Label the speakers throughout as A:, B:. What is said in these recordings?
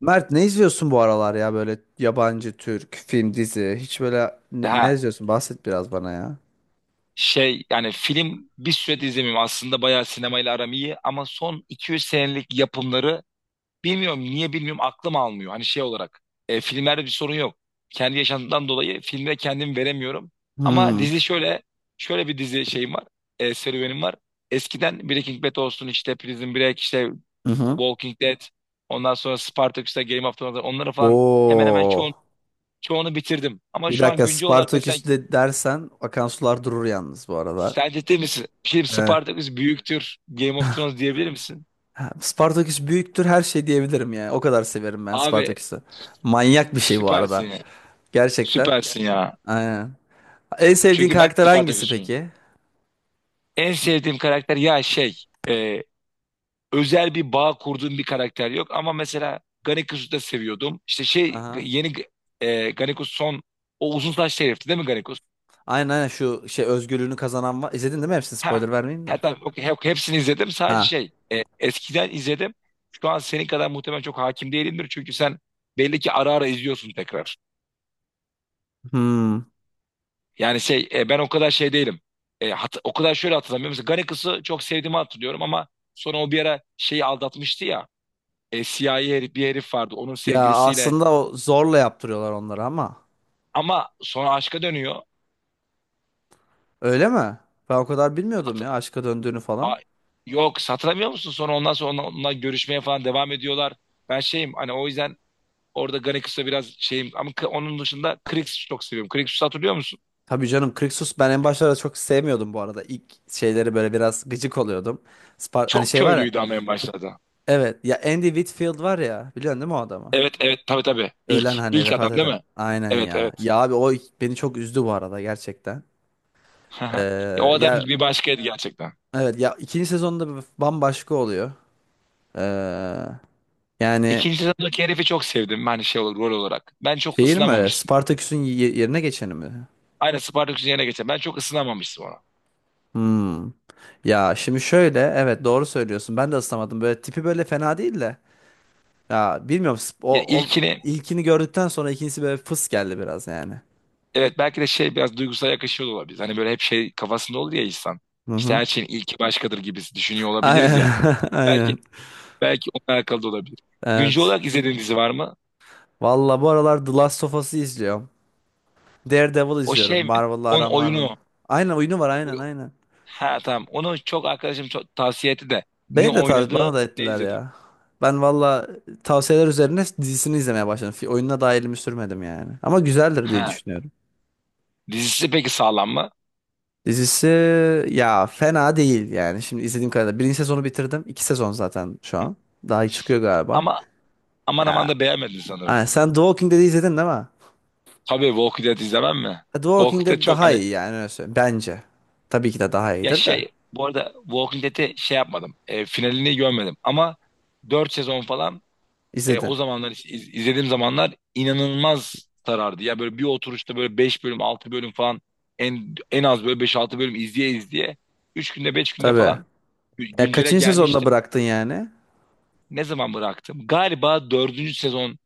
A: Mert ne izliyorsun bu aralar ya böyle yabancı, Türk, film, dizi? Hiç böyle ne
B: Daha
A: izliyorsun? Bahset biraz bana ya.
B: şey yani film bir süredir izlemiyorum. Aslında bayağı sinemayla aram iyi ama son 200 senelik yapımları bilmiyorum niye bilmiyorum aklım almıyor. Hani şey olarak filmlerde bir sorun yok. Kendi yaşantımdan dolayı filme kendimi veremiyorum. Ama
A: Hmm.
B: dizi şöyle bir dizi şeyim var. Serüvenim var. Eskiden Breaking Bad olsun işte Prison Break işte
A: Hı hı.
B: Walking Dead ondan sonra Spartacus'ta Game of Thrones onları falan hemen hemen
A: Oo.
B: çoğunu bitirdim. Ama
A: Bir
B: şu an
A: dakika
B: güncel olarak desen
A: Spartaküs de dersen akan sular durur yalnız bu arada.
B: Sen ciddi misin? Şimdi
A: Ee,
B: Spartacus büyüktür. Game of Thrones diyebilir misin?
A: Spartaküs büyüktür her şey diyebilirim yani. O kadar severim ben
B: Abi
A: Spartaküs'ü. Manyak bir şey bu
B: süpersin
A: arada.
B: ya.
A: Gerçekten.
B: Süpersin ya.
A: Aynen. En sevdiğin
B: Çünkü ben
A: karakter
B: de
A: hangisi
B: Spartacus'um.
A: peki?
B: En sevdiğim karakter ya şey e, özel bir bağ kurduğum bir karakter yok ama mesela Ganeku'yu da seviyordum. İşte şey
A: Aha.
B: yeni Ganeku son o uzun saçlı herifti değil mi Ganeku?
A: Aynen aynen şu şey özgürlüğünü kazanan var. İzledin değil mi hepsini?
B: Ha.
A: Spoiler vermeyeyim
B: Ha
A: de.
B: tamam okey, hepsini izledim sadece
A: Ha.
B: şey eskiden izledim. Şu an senin kadar muhtemelen çok hakim değilimdir çünkü sen belli ki ara ara izliyorsun tekrar.
A: Hmm.
B: Yani şey ben o kadar şey değilim. O kadar şöyle hatırlamıyorum. Mesela Garakıs'ı çok sevdiğimi hatırlıyorum ama sonra o bir ara şeyi aldatmıştı ya. Siyahi herif, bir herif vardı onun
A: Ya
B: sevgilisiyle.
A: aslında o zorla yaptırıyorlar onları ama.
B: Ama sonra aşka dönüyor.
A: Öyle mi? Ben o kadar bilmiyordum
B: Hat-
A: ya aşka döndüğünü
B: A-
A: falan.
B: yok hatırlamıyor musun? Sonra ondan sonra onunla görüşmeye falan devam ediyorlar. Ben şeyim hani o yüzden orada Garakıs'a biraz şeyim. Ama onun dışında Krixus'u çok seviyorum. Krixus'u hatırlıyor musun?
A: Tabii canım Krixus ben en başlarda çok sevmiyordum bu arada. İlk şeyleri böyle biraz gıcık oluyordum. Hani
B: Çok
A: şey var ya.
B: köylüydü ama en başlarda.
A: Evet ya Andy Whitfield var ya. Biliyorsun değil mi o adamı?
B: Evet evet tabii tabii.
A: Ölen
B: İlk,
A: hani
B: ilk adam
A: vefat
B: değil
A: eden.
B: mi?
A: Aynen
B: Evet
A: ya.
B: evet.
A: Ya abi o beni çok üzdü bu arada gerçekten.
B: Aha. Ya
A: Ee,
B: o adam
A: ya
B: bir başkaydı gerçekten.
A: evet ya ikinci sezonda bir bambaşka oluyor. Ee, yani
B: İkinci sezondaki herifi çok sevdim ben şey olarak, rol olarak. Ben çok
A: şeyin mi?
B: ısınamamıştım.
A: Spartaküs'ün yerine geçeni mi?
B: Aynı Spartacus'un yerine geçen. Ben çok ısınamamıştım ona.
A: Hmm. Ya şimdi şöyle evet doğru söylüyorsun. Ben de ıslamadım. Böyle tipi böyle fena değil de. Ya bilmiyorum
B: Ya
A: o
B: ilkini
A: ilkini gördükten sonra ikincisi böyle fıs geldi biraz yani.
B: evet belki de şey biraz duygusal yakışıyor da olabilir. Hani böyle hep şey kafasında olur ya insan.
A: Hı
B: İşte
A: hı.
B: her şeyin ilki başkadır gibisi düşünüyor olabiliriz ya.
A: Aynen. Aynen.
B: Belki onunla alakalı da olabilir. Güncel
A: Evet.
B: olarak izlediğin dizi var mı?
A: Valla bu aralar The Last of Us'ı izliyorum. Daredevil
B: O
A: izliyorum.
B: şey mi?
A: Marvel'la
B: Onun
A: aram var mı?
B: oyunu.
A: Aynen oyunu var aynen
B: O-
A: aynen.
B: Ha, tamam. Onu çok arkadaşım çok tavsiye etti de. Ne
A: Beni de
B: oynadı
A: bana da
B: ne
A: ettiler
B: izledim.
A: ya. Ben valla tavsiyeler üzerine dizisini izlemeye başladım. Oyununa da elimi sürmedim yani. Ama güzeldir diye
B: Ha.
A: düşünüyorum.
B: Dizisi peki sağlam mı?
A: Dizisi ya fena değil yani. Şimdi izlediğim kadarıyla. Birinci sezonu bitirdim. İki sezon zaten şu an. Daha iyi çıkıyor galiba.
B: Ama Aman aman
A: Ya
B: da beğenmedim sanırım.
A: hani sen The Walking Dead'i izledin değil mi?
B: Tabii Walking Dead izlemem mi?
A: The Walking
B: Walking Dead
A: Dead
B: çok
A: daha
B: hani
A: iyi yani öyle söyleyeyim. Bence. Tabii ki de daha
B: ya
A: iyidir de.
B: şey bu arada Walking Dead'i şey yapmadım. Finalini görmedim ama 4 sezon falan
A: İzledin.
B: o zamanlar izlediğim zamanlar inanılmaz sarardı. Ya böyle bir oturuşta böyle 5 bölüm 6 bölüm falan en az böyle beş altı bölüm izleye izleye 3 günde 5 günde
A: Tabii.
B: falan
A: Ya
B: güncele
A: kaçıncı sezonda
B: gelmiştim.
A: bıraktın yani?
B: Ne zaman bıraktım? Galiba dördüncü sezon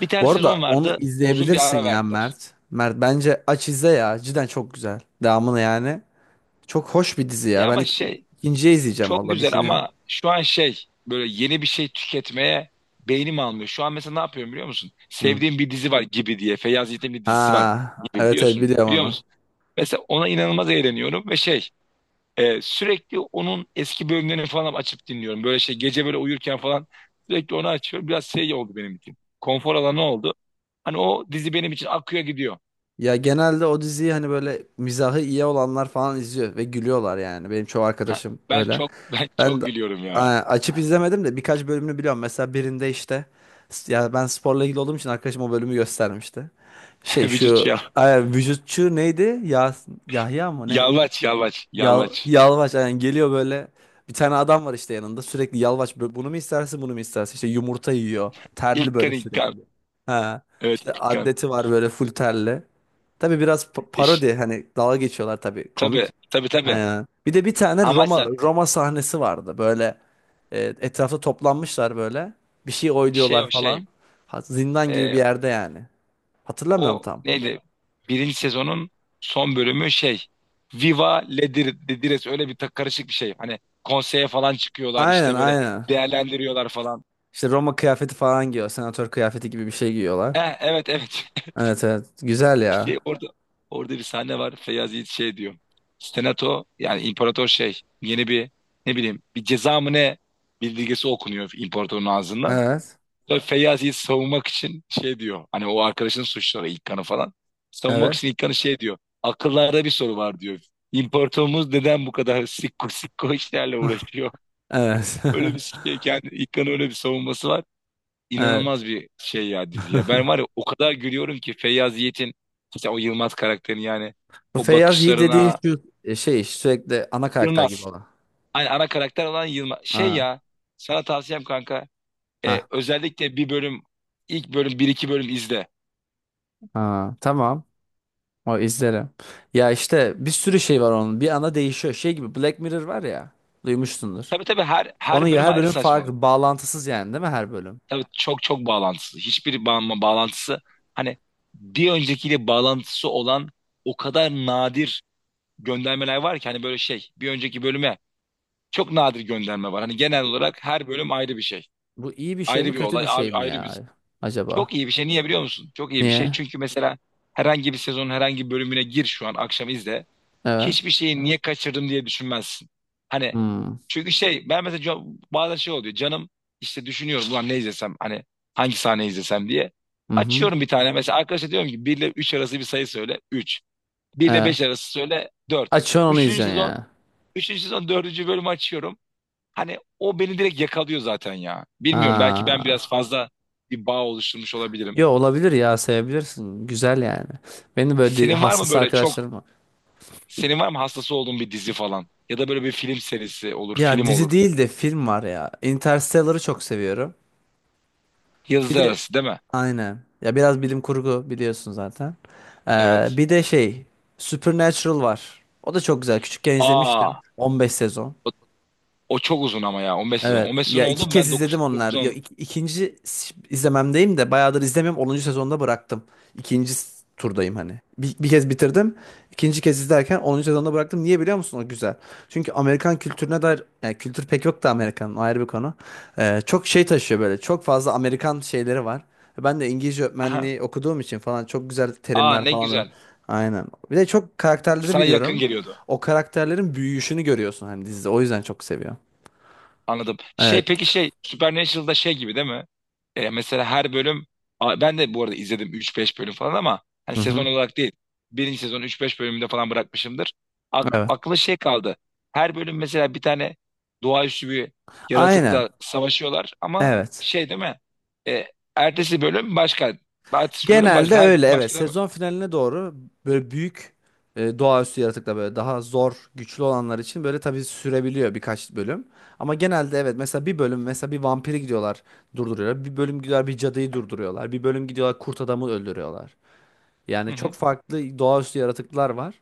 B: bir tane
A: Bu arada
B: sezon
A: onu
B: vardı uzun bir
A: izleyebilirsin
B: ara
A: ya
B: verdiler.
A: Mert. Mert bence aç izle ya. Cidden çok güzel. Devamını yani. Çok hoş bir dizi
B: Ya
A: ya. Ben
B: ama şey
A: ikinciye izleyeceğim
B: çok
A: valla
B: güzel
A: düşünüyorum.
B: ama şu an şey böyle yeni bir şey tüketmeye beynim almıyor. Şu an mesela ne yapıyorum biliyor musun?
A: Hı.
B: Sevdiğim bir dizi var gibi diye. Feyyaz Yiğit'in bir dizisi var
A: Ha,
B: gibi
A: evet evet
B: biliyorsun.
A: biliyorum
B: Biliyor
A: onu.
B: musun? Mesela ona inanılmaz eğleniyorum ve şey sürekli onun eski bölümlerini falan açıp dinliyorum. Böyle şey gece böyle uyurken falan sürekli onu açıyorum. Biraz şey oldu benim için. Konfor alanı oldu. Hani o dizi benim için akıyor gidiyor.
A: Ya genelde o diziyi hani böyle mizahı iyi olanlar falan izliyor ve gülüyorlar yani. Benim çoğu
B: Ha,
A: arkadaşım
B: ben
A: öyle.
B: çok ben
A: Ben
B: çok
A: de
B: gülüyorum ya.
A: açıp izlemedim de birkaç bölümünü biliyorum. Mesela birinde işte ya ben sporla ilgili olduğum için arkadaşım o bölümü göstermişti. Şey
B: Vücut
A: şu
B: ya.
A: ay, vücutçu neydi? Ya Yahya mı ne?
B: Yalvaç yalvaç
A: Yal,
B: yalvaç.
A: yalvaç yani geliyor böyle bir tane adam var işte yanında sürekli yalvaç böyle bunu mu istersin bunu mu istersin işte yumurta yiyor terli böyle
B: İlkan İlkan.
A: sürekli, ha,
B: Evet
A: işte
B: ilk gün.
A: atleti var böyle full terli, tabii biraz
B: İş,
A: parodi hani dalga geçiyorlar tabii
B: tabii
A: komik.
B: tabii tabii.
A: Bir de bir tane
B: Amaç
A: Roma
B: zaten
A: Roma sahnesi vardı böyle, etrafta toplanmışlar böyle bir şey
B: şey
A: oyluyorlar
B: o şey.
A: falan. Ha, zindan gibi bir
B: e,
A: yerde yani, hatırlamıyorum
B: O
A: tam.
B: neydi? Birinci sezonun son bölümü şey. Viva Ledires öyle bir karışık bir şey. Hani konseye falan çıkıyorlar
A: Aynen
B: işte böyle
A: aynen
B: değerlendiriyorlar falan.
A: işte Roma kıyafeti falan giyiyor, senatör kıyafeti gibi bir şey giyiyorlar.
B: Eh, evet evet.
A: Evet evet. Güzel ya.
B: İşte orada bir sahne var. Feyyaz Yiğit şey diyor. Senato yani imparator şey yeni bir ne bileyim bir ceza mı ne bildirgesi okunuyor imparatorun ağzından.
A: Evet.
B: Sonra Feyyasi'yi savunmak için şey diyor. Hani o arkadaşın suçları İlkan'ı falan. Savunmak
A: Evet.
B: için İlkan'ı şey diyor. Akıllarda bir soru var diyor. İmparatorumuz neden bu kadar sikko sikko işlerle uğraşıyor?
A: Evet.
B: Öyle bir şey kendi İlkan'ın öyle bir savunması var.
A: Evet.
B: İnanılmaz bir şey ya dizi ya. Ben var ya o kadar gülüyorum ki Feyyaz Yiğit'in işte o Yılmaz karakterini yani
A: Bu
B: o
A: Feyyaz Yiğit dediğin
B: bakışlarına
A: şu şey sürekli ana karakter gibi
B: Yılmaz.
A: olan.
B: Hani ana karakter olan Yılmaz. Şey
A: Ha.
B: ya sana tavsiyem kanka
A: Ha.
B: özellikle bir bölüm ilk bölüm bir iki bölüm izle.
A: Ha. Tamam. O izlerim. Ya işte bir sürü şey var onun. Bir ana değişiyor. Şey gibi Black Mirror var ya. Duymuşsundur.
B: Tabii tabii her
A: Onun
B: her
A: ya
B: bölüm
A: her
B: ayrı
A: bölüm
B: saçmalık.
A: farklı. Bağlantısız yani değil mi her bölüm?
B: Tabii çok çok bağlantısı. Hiçbir bağlantısı hani bir öncekiyle bağlantısı olan o kadar nadir göndermeler var ki hani böyle şey bir önceki bölüme çok nadir gönderme var. Hani genel olarak her bölüm ayrı bir şey.
A: Bu iyi bir şey
B: Ayrı
A: mi
B: bir
A: kötü
B: olay,
A: bir şey mi
B: ayrı bir
A: ya? Acaba?
B: çok iyi bir şey. Niye biliyor musun? Çok iyi bir şey.
A: Niye?
B: Çünkü mesela herhangi bir sezonun herhangi bir bölümüne gir şu an akşam izle.
A: Evet.
B: Hiçbir şeyi niye kaçırdım diye düşünmezsin. Hani
A: Hmm.
B: çünkü şey ben mesela bazen şey oluyor. Canım işte düşünüyorum ulan ne izlesem hani hangi sahne izlesem diye.
A: Hı hı.
B: Açıyorum bir tane mesela arkadaşa diyorum ki 1 ile 3 arası bir sayı söyle 3 1 ile
A: Evet.
B: 5 arası söyle 4
A: Açıyorsun onu
B: üçüncü
A: izliyorsun
B: sezon
A: ya.
B: üçüncü sezon dördüncü bölümü açıyorum. Hani o beni direkt yakalıyor zaten ya. Bilmiyorum belki ben biraz
A: Ha.
B: fazla bir bağ oluşturmuş olabilirim.
A: Yo, olabilir ya, sevebilirsin. Güzel yani. Benim böyle
B: Senin var mı
A: hassas
B: böyle çok
A: arkadaşlarım var.
B: senin var mı hastası olduğun bir dizi falan? Ya da böyle bir film serisi olur,
A: Ya
B: film
A: dizi
B: olur.
A: değil de film var ya. Interstellar'ı çok seviyorum. Bir
B: Yazı
A: de
B: arası değil mi?
A: aynen. Ya biraz bilim kurgu biliyorsun zaten.
B: Evet.
A: Bir de şey Supernatural var. O da çok güzel. Küçükken izlemiştim.
B: Aa,
A: 15 sezon.
B: o, o çok uzun ama ya 15 sezon.
A: Evet.
B: 15 sezon
A: Ya
B: oldu
A: iki
B: mu?
A: kez
B: Ben
A: izledim
B: dokuz
A: onlar.
B: dokuz
A: Ya
B: on
A: ikinci izlememdeyim de bayağıdır izlemiyorum. 10. sezonda bıraktım. İkinci turdayım hani. Bir kez bitirdim. İkinci kez izlerken 10. sezonda bıraktım. Niye biliyor musun? O güzel. Çünkü Amerikan kültürüne dair yani kültür pek yok da, Amerikan'ın o ayrı bir konu. Çok şey taşıyor böyle. Çok fazla Amerikan şeyleri var. Ben de İngilizce
B: Aha.
A: öğretmenliği okuduğum için falan çok güzel
B: Aa,
A: terimler
B: ne
A: falan.
B: güzel.
A: Aynen. Bir de çok karakterleri
B: Sana yakın
A: biliyorum.
B: geliyordu.
A: O karakterlerin büyüyüşünü görüyorsun hani dizide. O yüzden çok seviyorum.
B: Anladım. Şey
A: Evet.
B: peki şey Supernatural'da şey gibi değil mi? E, mesela her bölüm ben de bu arada izledim üç beş bölüm falan ama hani
A: Hı hı.
B: sezon olarak değil. Birinci sezon üç beş bölümünde falan bırakmışımdır.
A: Evet.
B: Aklı şey kaldı. Her bölüm mesela bir tane doğaüstü bir
A: Aynen.
B: yaratıkla savaşıyorlar ama
A: Evet.
B: şey değil mi? E, ertesi bölüm başka. Ertesi bölüm
A: Genelde
B: başka. Her bölüm
A: öyle evet.
B: başka değil mi?
A: Sezon finaline doğru böyle büyük doğaüstü yaratıklar, böyle daha zor, güçlü olanlar için böyle tabii sürebiliyor birkaç bölüm. Ama genelde evet, mesela bir bölüm mesela bir vampiri gidiyorlar durduruyorlar. Bir bölüm gidiyorlar bir cadıyı durduruyorlar. Bir bölüm gidiyorlar kurt adamı öldürüyorlar.
B: Hı
A: Yani çok
B: hı.
A: farklı doğaüstü yaratıklar var.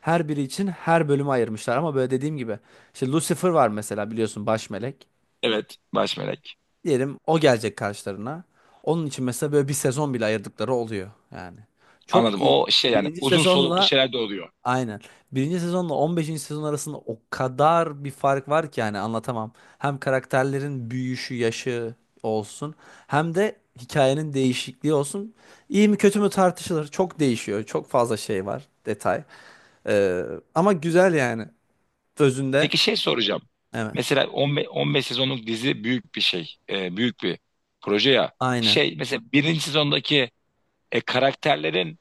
A: Her biri için her bölümü ayırmışlar ama böyle dediğim gibi işte Lucifer var mesela, biliyorsun, baş melek.
B: Evet. Baş melek.
A: Diyelim o gelecek karşılarına. Onun için mesela böyle bir sezon bile ayırdıkları oluyor yani.
B: Anladım.
A: Çok iyi.
B: O şey yani
A: Birinci
B: uzun soluklu
A: sezonla
B: şeyler de oluyor.
A: aynen. Birinci sezonla 15. sezon arasında o kadar bir fark var ki yani anlatamam. Hem karakterlerin büyüyüşü, yaşı olsun, hem de hikayenin değişikliği olsun. İyi mi kötü mü tartışılır. Çok değişiyor. Çok fazla şey var, detay. Ee, ama güzel yani özünde.
B: Peki şey soracağım.
A: Evet.
B: Mesela 15 sezonluk dizi büyük bir şey. E, büyük bir proje ya.
A: Aynen.
B: Şey mesela birinci sezondaki karakterlerin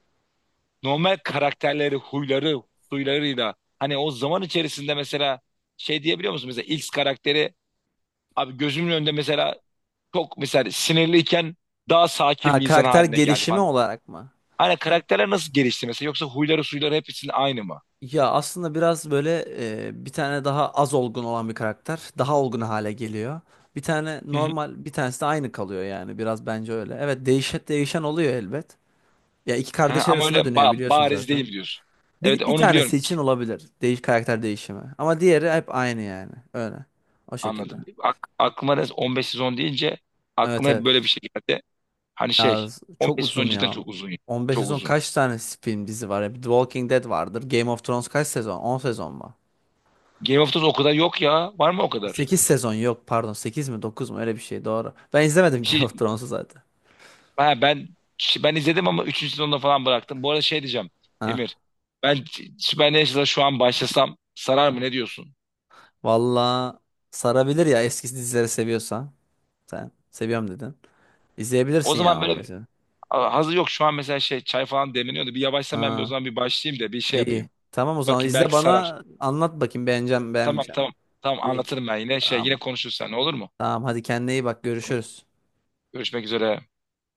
B: normal karakterleri, huyları, suylarıyla hani o zaman içerisinde mesela şey diyebiliyor musun? Mesela X karakteri abi gözümün önünde mesela çok mesela sinirliyken daha sakin
A: Ha,
B: bir insan
A: karakter
B: haline geldi
A: gelişimi
B: falan.
A: olarak mı?
B: Hani karakterler nasıl gelişti mesela? Yoksa huyları, suyları hepsinin aynı mı?
A: Ya aslında biraz böyle bir tane daha az olgun olan bir karakter daha olgun hale geliyor. Bir tane
B: Hı hı.
A: normal, bir tanesi de aynı kalıyor yani, biraz bence öyle. Evet, değişen değişen oluyor elbet. Ya iki
B: Ha,
A: kardeş
B: ama öyle
A: arasında dönüyor biliyorsun
B: bariz
A: zaten.
B: değil diyorsun. Evet
A: Bir
B: onu biliyorum.
A: tanesi için olabilir karakter değişimi. Ama diğeri hep aynı yani. Öyle. O şekilde.
B: Anladım. Aklıma da 15 sezon deyince
A: Evet
B: aklıma hep böyle bir
A: evet.
B: şey geldi. Hani
A: Ya
B: şey
A: çok
B: 15 sezon
A: uzun
B: cidden
A: ya.
B: çok uzun ya.
A: 15
B: Çok
A: sezon,
B: uzun.
A: kaç tane film dizi var ya? The Walking Dead vardır. Game of Thrones kaç sezon? 10 sezon mu?
B: Game of Thrones o kadar yok ya. Var mı o kadar?
A: 8 sezon yok, pardon, 8 mi 9 mu, öyle bir şey, doğru. Ben izlemedim
B: Bir
A: Game
B: şey
A: of Thrones'u zaten.
B: ha, ben izledim ama üçüncü sezonda falan bıraktım. Bu arada şey diyeceğim Emir.
A: Ha.
B: Ben Supernatural şu an başlasam sarar mı ne diyorsun?
A: Valla sarabilir ya, eski dizileri seviyorsan. Sen seviyorum dedin.
B: O
A: İzleyebilirsin ya
B: zaman böyle
A: 15'i.
B: hazır yok şu an mesela şey çay falan demleniyordu. Bir yavaşsam ben bir o
A: Ha,
B: zaman bir başlayayım da bir şey
A: iyi.
B: yapayım.
A: Tamam, o zaman
B: Bakayım
A: izle,
B: belki sarar.
A: bana anlat bakayım beğeneceğim
B: Tamam
A: beğenmeyeceğim.
B: tamam. Tamam
A: İyi.
B: anlatırım ben yine şey yine
A: Tamam.
B: konuşuruz seninle olur mu?
A: Tamam, hadi kendine iyi bak, görüşürüz.
B: Görüşmek üzere.